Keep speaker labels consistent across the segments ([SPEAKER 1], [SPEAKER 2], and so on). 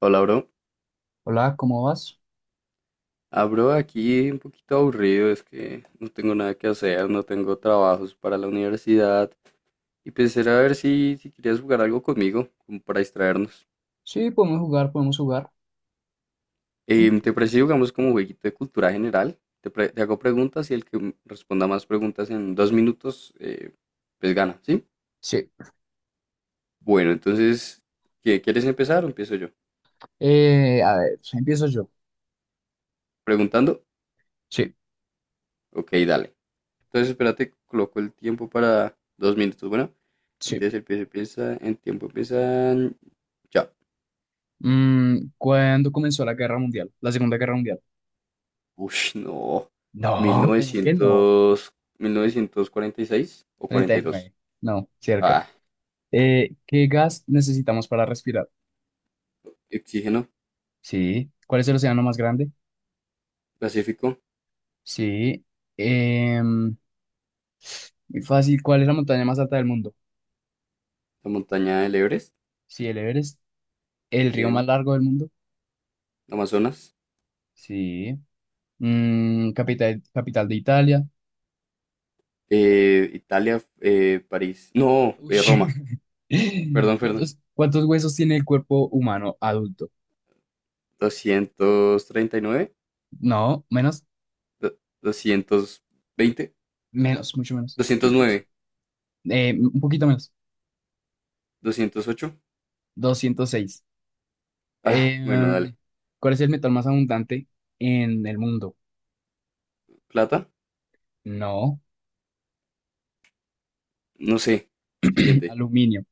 [SPEAKER 1] Hola, bro.
[SPEAKER 2] Hola, ¿cómo vas?
[SPEAKER 1] Ah, bro, aquí un poquito aburrido, es que no tengo nada que hacer, no tengo trabajos para la universidad. Y pensé a ver si querías jugar algo conmigo, como para distraernos.
[SPEAKER 2] Sí, podemos jugar, podemos jugar.
[SPEAKER 1] ¿Te parece si jugamos como jueguito de cultura general? Te hago preguntas y el que responda más preguntas en 2 minutos, pues gana, ¿sí?
[SPEAKER 2] Sí.
[SPEAKER 1] Bueno, entonces, quieres empezar o empiezo yo?
[SPEAKER 2] A ver, empiezo yo.
[SPEAKER 1] ¿Preguntando?
[SPEAKER 2] Sí,
[SPEAKER 1] Ok, dale. Entonces, espérate, coloco el tiempo para 2 minutos. Bueno,
[SPEAKER 2] sí.
[SPEAKER 1] entonces empieza, en tiempo empiezan. Ya.
[SPEAKER 2] ¿Cuándo comenzó la Guerra Mundial? La Segunda Guerra Mundial.
[SPEAKER 1] Ush, no. mil mil
[SPEAKER 2] No, ¿cómo que no?
[SPEAKER 1] novecientos mil novecientos cuarenta y seis o
[SPEAKER 2] Treinta
[SPEAKER 1] cuarenta
[SPEAKER 2] y
[SPEAKER 1] y dos
[SPEAKER 2] nueve. No, cerca.
[SPEAKER 1] Ah,
[SPEAKER 2] ¿Qué gas necesitamos para respirar?
[SPEAKER 1] oxígeno.
[SPEAKER 2] Sí. ¿Cuál es el océano más grande?
[SPEAKER 1] Pacífico.
[SPEAKER 2] Sí. Em, muy fácil. ¿Cuál es la montaña más alta del mundo?
[SPEAKER 1] La montaña del Everest.
[SPEAKER 2] Sí, el Everest. ¿El río más
[SPEAKER 1] Bien.
[SPEAKER 2] largo del mundo?
[SPEAKER 1] Amazonas.
[SPEAKER 2] Sí. Capital de Italia.
[SPEAKER 1] Italia. París. No,
[SPEAKER 2] Uy.
[SPEAKER 1] Roma. Perdón, perdón.
[SPEAKER 2] ¿ cuántos huesos tiene el cuerpo humano adulto?
[SPEAKER 1] 239,
[SPEAKER 2] No, menos,
[SPEAKER 1] 220,
[SPEAKER 2] menos, mucho menos.
[SPEAKER 1] 209,
[SPEAKER 2] Un poquito menos,
[SPEAKER 1] 208.
[SPEAKER 2] 206.
[SPEAKER 1] Ah,
[SPEAKER 2] Eh,
[SPEAKER 1] bueno, dale.
[SPEAKER 2] ¿Cuál es el metal más abundante en el mundo?
[SPEAKER 1] ¿Plata?
[SPEAKER 2] No,
[SPEAKER 1] No sé. Siguiente.
[SPEAKER 2] aluminio.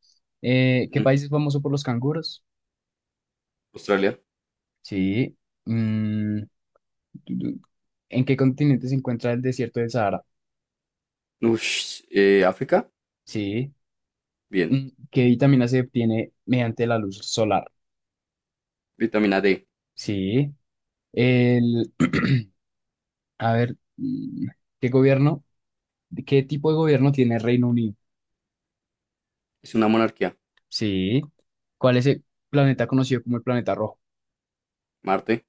[SPEAKER 2] ¿Qué
[SPEAKER 1] Mm,
[SPEAKER 2] país es famoso por los canguros?
[SPEAKER 1] Australia.
[SPEAKER 2] Sí. Mm, du- du- ¿En qué continente se encuentra el desierto del Sahara?
[SPEAKER 1] Ush, África.
[SPEAKER 2] Sí.
[SPEAKER 1] Bien.
[SPEAKER 2] ¿Qué vitamina se obtiene mediante la luz solar?
[SPEAKER 1] Vitamina D.
[SPEAKER 2] Sí. A ver, ¿qué gobierno, ¿qué tipo de gobierno tiene Reino Unido?
[SPEAKER 1] Es una monarquía.
[SPEAKER 2] Sí. ¿Cuál es el planeta conocido como el planeta rojo?
[SPEAKER 1] Marte.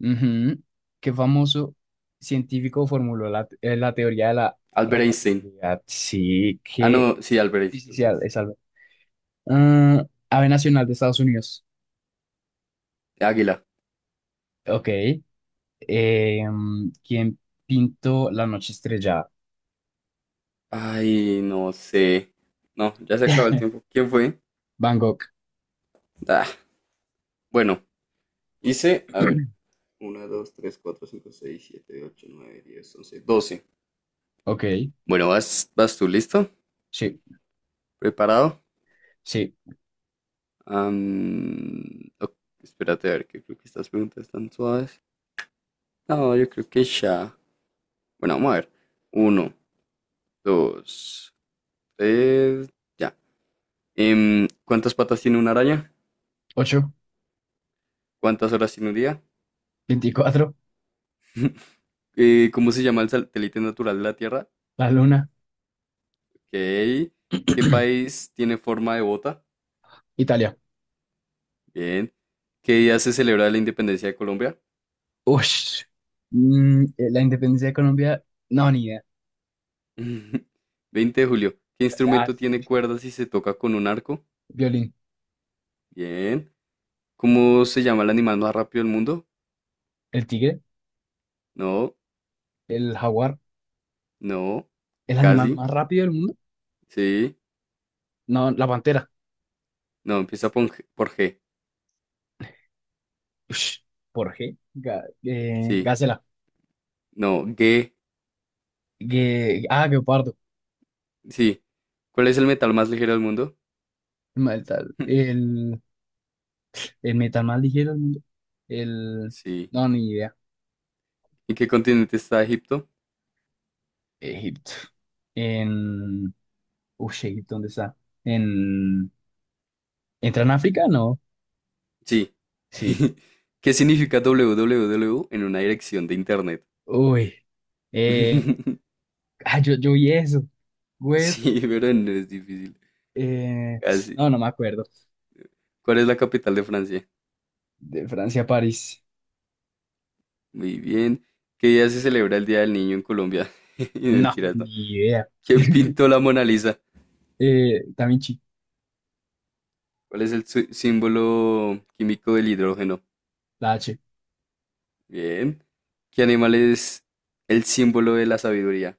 [SPEAKER 2] Ujú. ¿Qué famoso científico formuló la teoría de la
[SPEAKER 1] Albert Einstein.
[SPEAKER 2] relatividad? Sí,
[SPEAKER 1] Ah,
[SPEAKER 2] qué
[SPEAKER 1] no, sí, Albert Einstein. Albert
[SPEAKER 2] difícil
[SPEAKER 1] Einstein.
[SPEAKER 2] es algo. Ah, ave nacional de Estados Unidos.
[SPEAKER 1] Águila.
[SPEAKER 2] Ok. ¿Quién pintó la noche estrellada?
[SPEAKER 1] Ay, no sé. No, ya se acabó el tiempo. ¿Quién fue?
[SPEAKER 2] Van Gogh.
[SPEAKER 1] Ah, bueno, hice, a ver. Uno, 2, 3, 4, 5, 6, 7, 8, 9, 10, 11, 12.
[SPEAKER 2] Ok,
[SPEAKER 1] Bueno, vas tú, ¿listo?
[SPEAKER 2] sí,
[SPEAKER 1] ¿Preparado?
[SPEAKER 2] sí.
[SPEAKER 1] Ok, espérate a ver, que creo que estas preguntas están suaves. No, yo creo que ya. Bueno, vamos a ver. Uno, dos, tres, ya. ¿Cuántas patas tiene una araña?
[SPEAKER 2] 8,
[SPEAKER 1] ¿Cuántas horas tiene un día?
[SPEAKER 2] 24,
[SPEAKER 1] ¿Cómo se llama el satélite natural de la Tierra?
[SPEAKER 2] la luna.
[SPEAKER 1] Ok. ¿Qué país tiene forma de bota?
[SPEAKER 2] Italia.
[SPEAKER 1] Bien. ¿Qué día se celebra la independencia de Colombia?
[SPEAKER 2] Ush. La independencia de Colombia, no, ni idea.
[SPEAKER 1] 20 de julio. ¿Qué
[SPEAKER 2] Ah,
[SPEAKER 1] instrumento tiene
[SPEAKER 2] sí.
[SPEAKER 1] cuerdas y se toca con un arco?
[SPEAKER 2] Violín.
[SPEAKER 1] Bien. ¿Cómo se llama el animal más rápido del mundo?
[SPEAKER 2] El tigre,
[SPEAKER 1] No,
[SPEAKER 2] el jaguar,
[SPEAKER 1] no,
[SPEAKER 2] el animal
[SPEAKER 1] casi,
[SPEAKER 2] más rápido del mundo.
[SPEAKER 1] sí.
[SPEAKER 2] No, la pantera.
[SPEAKER 1] No, empieza por G. Por G.
[SPEAKER 2] Ush. ¿Por qué?
[SPEAKER 1] Sí.
[SPEAKER 2] Gacela.
[SPEAKER 1] No, G.
[SPEAKER 2] Ah, guepardo.
[SPEAKER 1] Sí. ¿Cuál es el metal más ligero del mundo?
[SPEAKER 2] El, ma- el, tal- el metal más ligero del mundo. El.
[SPEAKER 1] Sí.
[SPEAKER 2] No, ni idea.
[SPEAKER 1] ¿En qué continente está Egipto?
[SPEAKER 2] Egipto. En. Uy, Egipto, ¿dónde está? En. ¿Entra en África? No.
[SPEAKER 1] Sí.
[SPEAKER 2] Sí.
[SPEAKER 1] ¿Qué significa www en una dirección de internet?
[SPEAKER 2] Uy. Eh, Ah, yo vi eso. Web.
[SPEAKER 1] Sí, pero no es difícil.
[SPEAKER 2] eh,
[SPEAKER 1] Casi.
[SPEAKER 2] no, no me acuerdo.
[SPEAKER 1] ¿Cuál es la capital de Francia?
[SPEAKER 2] De Francia a París.
[SPEAKER 1] Muy bien. ¿Qué día se celebra el Día del Niño en Colombia?
[SPEAKER 2] No,
[SPEAKER 1] Mentiras,
[SPEAKER 2] ni
[SPEAKER 1] no.
[SPEAKER 2] idea.
[SPEAKER 1] ¿Quién pintó la Mona Lisa?
[SPEAKER 2] Da Vinci,
[SPEAKER 1] ¿Cuál es el símbolo químico del hidrógeno?
[SPEAKER 2] la H.
[SPEAKER 1] Bien. ¿Qué animal es el símbolo de la sabiduría?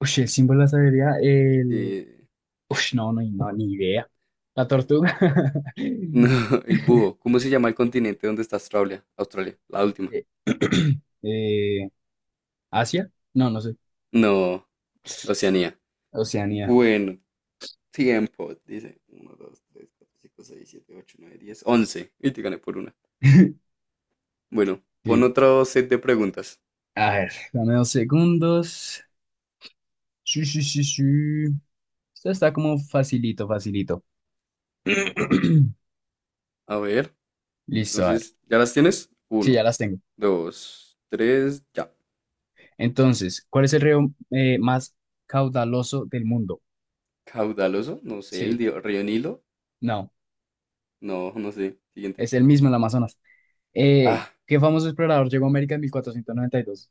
[SPEAKER 2] Uy, el símbolo de la sabiduría. El.
[SPEAKER 1] Eh,
[SPEAKER 2] Uy, no, no, no, ni idea. La tortuga.
[SPEAKER 1] no, el búho. ¿Cómo se llama el continente donde está Australia? Australia, la última.
[SPEAKER 2] Eh, eh, ¿Asia? No, no sé.
[SPEAKER 1] No, Oceanía.
[SPEAKER 2] Oceanía.
[SPEAKER 1] Bueno, tiempo. Dice uno, 2, 3, 4, 5, 6, 7, 8, 9, 10. 11. Y te gané por una. Bueno, pon
[SPEAKER 2] Sí.
[SPEAKER 1] otro set de preguntas.
[SPEAKER 2] A ver, dame dos segundos. Sí, sí, sí, sí. Esto está como facilito, facilito.
[SPEAKER 1] A ver,
[SPEAKER 2] Listo, a ver.
[SPEAKER 1] entonces, ¿ya las tienes?
[SPEAKER 2] Sí, ya
[SPEAKER 1] Uno,
[SPEAKER 2] las tengo.
[SPEAKER 1] dos, tres, ya.
[SPEAKER 2] Entonces, ¿cuál es el río más caudaloso del mundo?
[SPEAKER 1] Caudaloso, no sé, el
[SPEAKER 2] Sí,
[SPEAKER 1] río Nilo.
[SPEAKER 2] no,
[SPEAKER 1] No, no sé. Siguiente.
[SPEAKER 2] es el mismo, el Amazonas.
[SPEAKER 1] Ah,
[SPEAKER 2] ¿Qué famoso explorador llegó a América en 1492?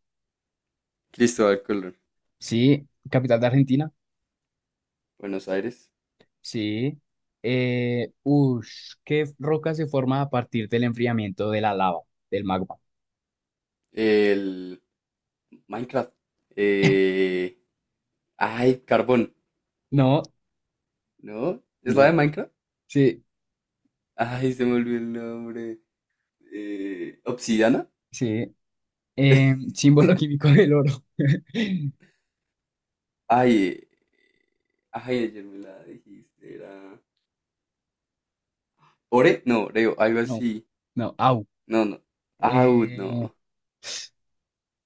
[SPEAKER 1] Cristóbal Colón.
[SPEAKER 2] Sí, capital de Argentina.
[SPEAKER 1] Buenos Aires.
[SPEAKER 2] Sí. ¿Qué roca se forma a partir del enfriamiento de la lava, del magma?
[SPEAKER 1] El Minecraft. Eh, ay, Carbón.
[SPEAKER 2] No,
[SPEAKER 1] ¿No? ¿Es la de
[SPEAKER 2] no,
[SPEAKER 1] Minecraft?
[SPEAKER 2] sí,
[SPEAKER 1] Ay, se me olvidó el nombre. Obsidiana.
[SPEAKER 2] sí. Símbolo químico del oro.
[SPEAKER 1] Ay, ay, ayer me la dijiste. Era. No, Oreo, algo
[SPEAKER 2] No,
[SPEAKER 1] así.
[SPEAKER 2] no, au.
[SPEAKER 1] No, no. Ah,
[SPEAKER 2] Eh,
[SPEAKER 1] no.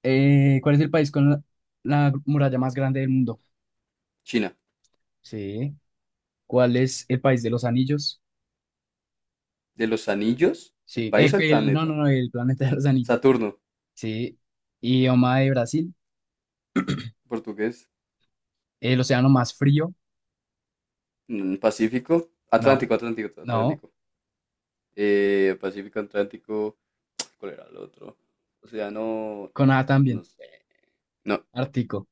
[SPEAKER 2] ¿Cuál es el país con la muralla más grande del mundo?
[SPEAKER 1] China.
[SPEAKER 2] Sí. ¿Cuál es el país de los anillos?
[SPEAKER 1] De los anillos, el
[SPEAKER 2] Sí.
[SPEAKER 1] país o el
[SPEAKER 2] No, no,
[SPEAKER 1] planeta.
[SPEAKER 2] no, el planeta de los anillos.
[SPEAKER 1] Saturno.
[SPEAKER 2] Sí. Idioma de Brasil.
[SPEAKER 1] Portugués.
[SPEAKER 2] El océano más frío.
[SPEAKER 1] Pacífico.
[SPEAKER 2] No.
[SPEAKER 1] Atlántico, Atlántico,
[SPEAKER 2] No.
[SPEAKER 1] Atlántico. Pacífico, Atlántico. ¿Cuál era el otro? O sea, no,
[SPEAKER 2] Con A también.
[SPEAKER 1] no sé. No,
[SPEAKER 2] Ártico.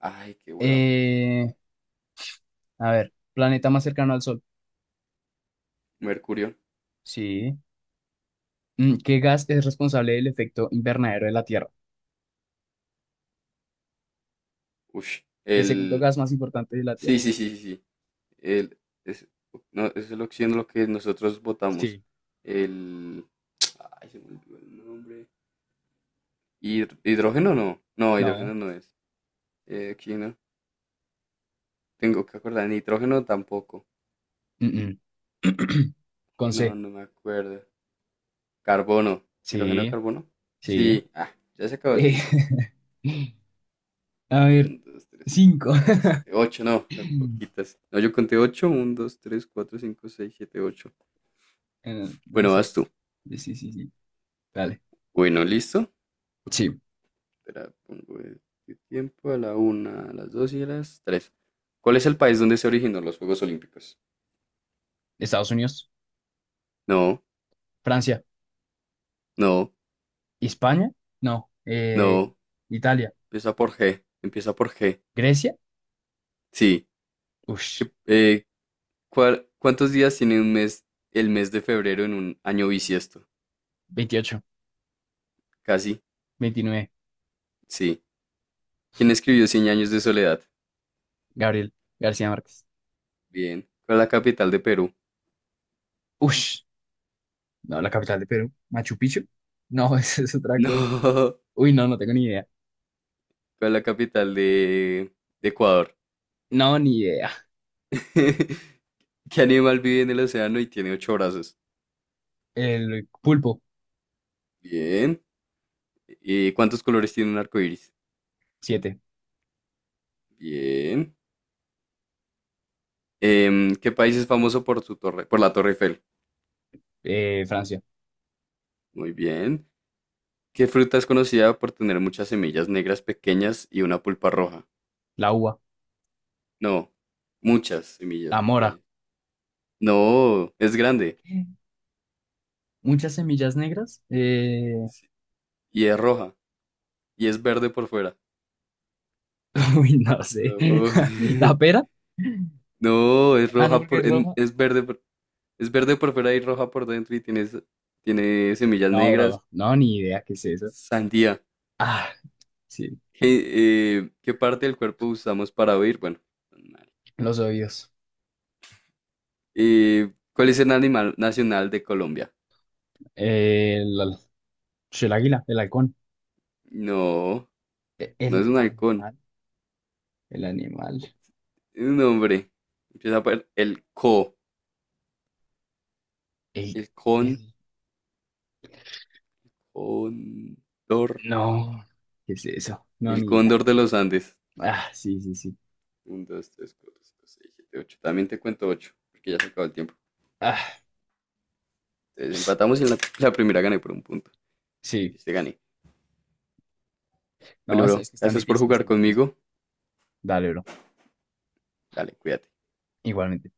[SPEAKER 1] ay, qué hueva. Sí.
[SPEAKER 2] Eh, a ver. Planeta más cercano al Sol.
[SPEAKER 1] Mercurio.
[SPEAKER 2] Sí. ¿Qué gas es responsable del efecto invernadero de la Tierra?
[SPEAKER 1] Ush.
[SPEAKER 2] El segundo
[SPEAKER 1] El,
[SPEAKER 2] gas más importante de la Tierra.
[SPEAKER 1] sí, sí, sí, sí, sí. El, es, no, es el oxígeno lo que nosotros votamos.
[SPEAKER 2] Sí.
[SPEAKER 1] El, ay, se me olvidó el nombre. Hidrógeno no. No,
[SPEAKER 2] No.
[SPEAKER 1] hidrógeno no es. Oxígeno. Tengo que acordar. Nitrógeno tampoco.
[SPEAKER 2] Mm, mm. Con C.
[SPEAKER 1] No, no me acuerdo. Carbono. ¿Hidrógeno,
[SPEAKER 2] Sí.
[SPEAKER 1] carbono?
[SPEAKER 2] Sí.
[SPEAKER 1] Sí. Ah, ya se acabó el
[SPEAKER 2] Eh,
[SPEAKER 1] tiempo.
[SPEAKER 2] a ver.
[SPEAKER 1] Un, dos, tres.
[SPEAKER 2] Cinco.
[SPEAKER 1] Siete, ocho, no, no, poquitas. No, yo conté ocho. Uno, dos, tres, cuatro, cinco, seis, siete, ocho.
[SPEAKER 2] No
[SPEAKER 1] Bueno,
[SPEAKER 2] sé.
[SPEAKER 1] vas tú.
[SPEAKER 2] Sí, sí, sí. sí. Dale.
[SPEAKER 1] Bueno, listo.
[SPEAKER 2] Sí,
[SPEAKER 1] Espera, pongo el tiempo a la una, a las 2 y a las tres. ¿Cuál es el país donde se originó los Juegos Olímpicos?
[SPEAKER 2] Estados Unidos,
[SPEAKER 1] No,
[SPEAKER 2] Francia,
[SPEAKER 1] no,
[SPEAKER 2] España, no,
[SPEAKER 1] no.
[SPEAKER 2] Italia,
[SPEAKER 1] Empieza por G. Empieza por G.
[SPEAKER 2] Grecia,
[SPEAKER 1] Sí.
[SPEAKER 2] ush,
[SPEAKER 1] ¿Qué- eh, ¿Cuántos días tiene un mes, el mes de febrero en un año bisiesto?
[SPEAKER 2] 28
[SPEAKER 1] Casi.
[SPEAKER 2] 29
[SPEAKER 1] Sí. ¿Quién escribió Cien años de soledad?
[SPEAKER 2] Gabriel García Márquez.
[SPEAKER 1] Bien. ¿Cuál es la capital de Perú?
[SPEAKER 2] Ush, no, la capital de Perú, Machu Picchu. No, esa es otra cosa.
[SPEAKER 1] No.
[SPEAKER 2] Uy, no, no tengo ni idea.
[SPEAKER 1] ¿Cuál es la capital de Ecuador?
[SPEAKER 2] No, ni idea.
[SPEAKER 1] ¿Qué animal vive en el océano y tiene ocho brazos?
[SPEAKER 2] El pulpo,
[SPEAKER 1] Bien. ¿Y cuántos colores tiene un arco iris?
[SPEAKER 2] 7
[SPEAKER 1] Bien. ¿Qué país es famoso por su torre, por la Torre Eiffel?
[SPEAKER 2] Francia,
[SPEAKER 1] Muy bien. ¿Qué fruta es conocida por tener muchas semillas negras pequeñas y una pulpa roja?
[SPEAKER 2] la uva,
[SPEAKER 1] No, muchas semillas
[SPEAKER 2] la mora.
[SPEAKER 1] pequeñas. No, es grande
[SPEAKER 2] ¿Qué? Muchas semillas negras.
[SPEAKER 1] y es roja y es verde por fuera.
[SPEAKER 2] Uy, no sé.
[SPEAKER 1] Bro,
[SPEAKER 2] La pera.
[SPEAKER 1] no, es
[SPEAKER 2] Ah, no,
[SPEAKER 1] roja
[SPEAKER 2] porque
[SPEAKER 1] por,
[SPEAKER 2] es roja.
[SPEAKER 1] es verde por. Es verde por fuera y roja por dentro y tiene, tiene semillas
[SPEAKER 2] No,
[SPEAKER 1] negras.
[SPEAKER 2] bro, no, ni idea qué es eso.
[SPEAKER 1] Sandía.
[SPEAKER 2] Ah, sí,
[SPEAKER 1] ¿Qué parte del cuerpo usamos para oír? Bueno, animal.
[SPEAKER 2] los oídos.
[SPEAKER 1] ¿Cuál es el animal nacional de Colombia?
[SPEAKER 2] El, sí, el águila, el halcón.
[SPEAKER 1] No, no es
[SPEAKER 2] El
[SPEAKER 1] un halcón.
[SPEAKER 2] animal, el animal.
[SPEAKER 1] Es un hombre. Empieza por el co.
[SPEAKER 2] El,
[SPEAKER 1] El con.
[SPEAKER 2] el,
[SPEAKER 1] Cóndor.
[SPEAKER 2] no, ¿qué es eso? No,
[SPEAKER 1] El
[SPEAKER 2] ni idea.
[SPEAKER 1] cóndor de los Andes.
[SPEAKER 2] Ah, sí, sí, sí.
[SPEAKER 1] Uno, dos, tres, cuatro, cinco, seis, siete, ocho. También te cuento ocho, porque ya se acabó el tiempo.
[SPEAKER 2] Ah,
[SPEAKER 1] Entonces empatamos y en la primera gané por un punto.
[SPEAKER 2] sí.
[SPEAKER 1] Entonces te gané.
[SPEAKER 2] No,
[SPEAKER 1] Bueno, bro,
[SPEAKER 2] es que es tan
[SPEAKER 1] gracias por
[SPEAKER 2] difícil, es
[SPEAKER 1] jugar
[SPEAKER 2] tan difícil.
[SPEAKER 1] conmigo.
[SPEAKER 2] Dale, bro.
[SPEAKER 1] Dale, cuídate.
[SPEAKER 2] Igualmente.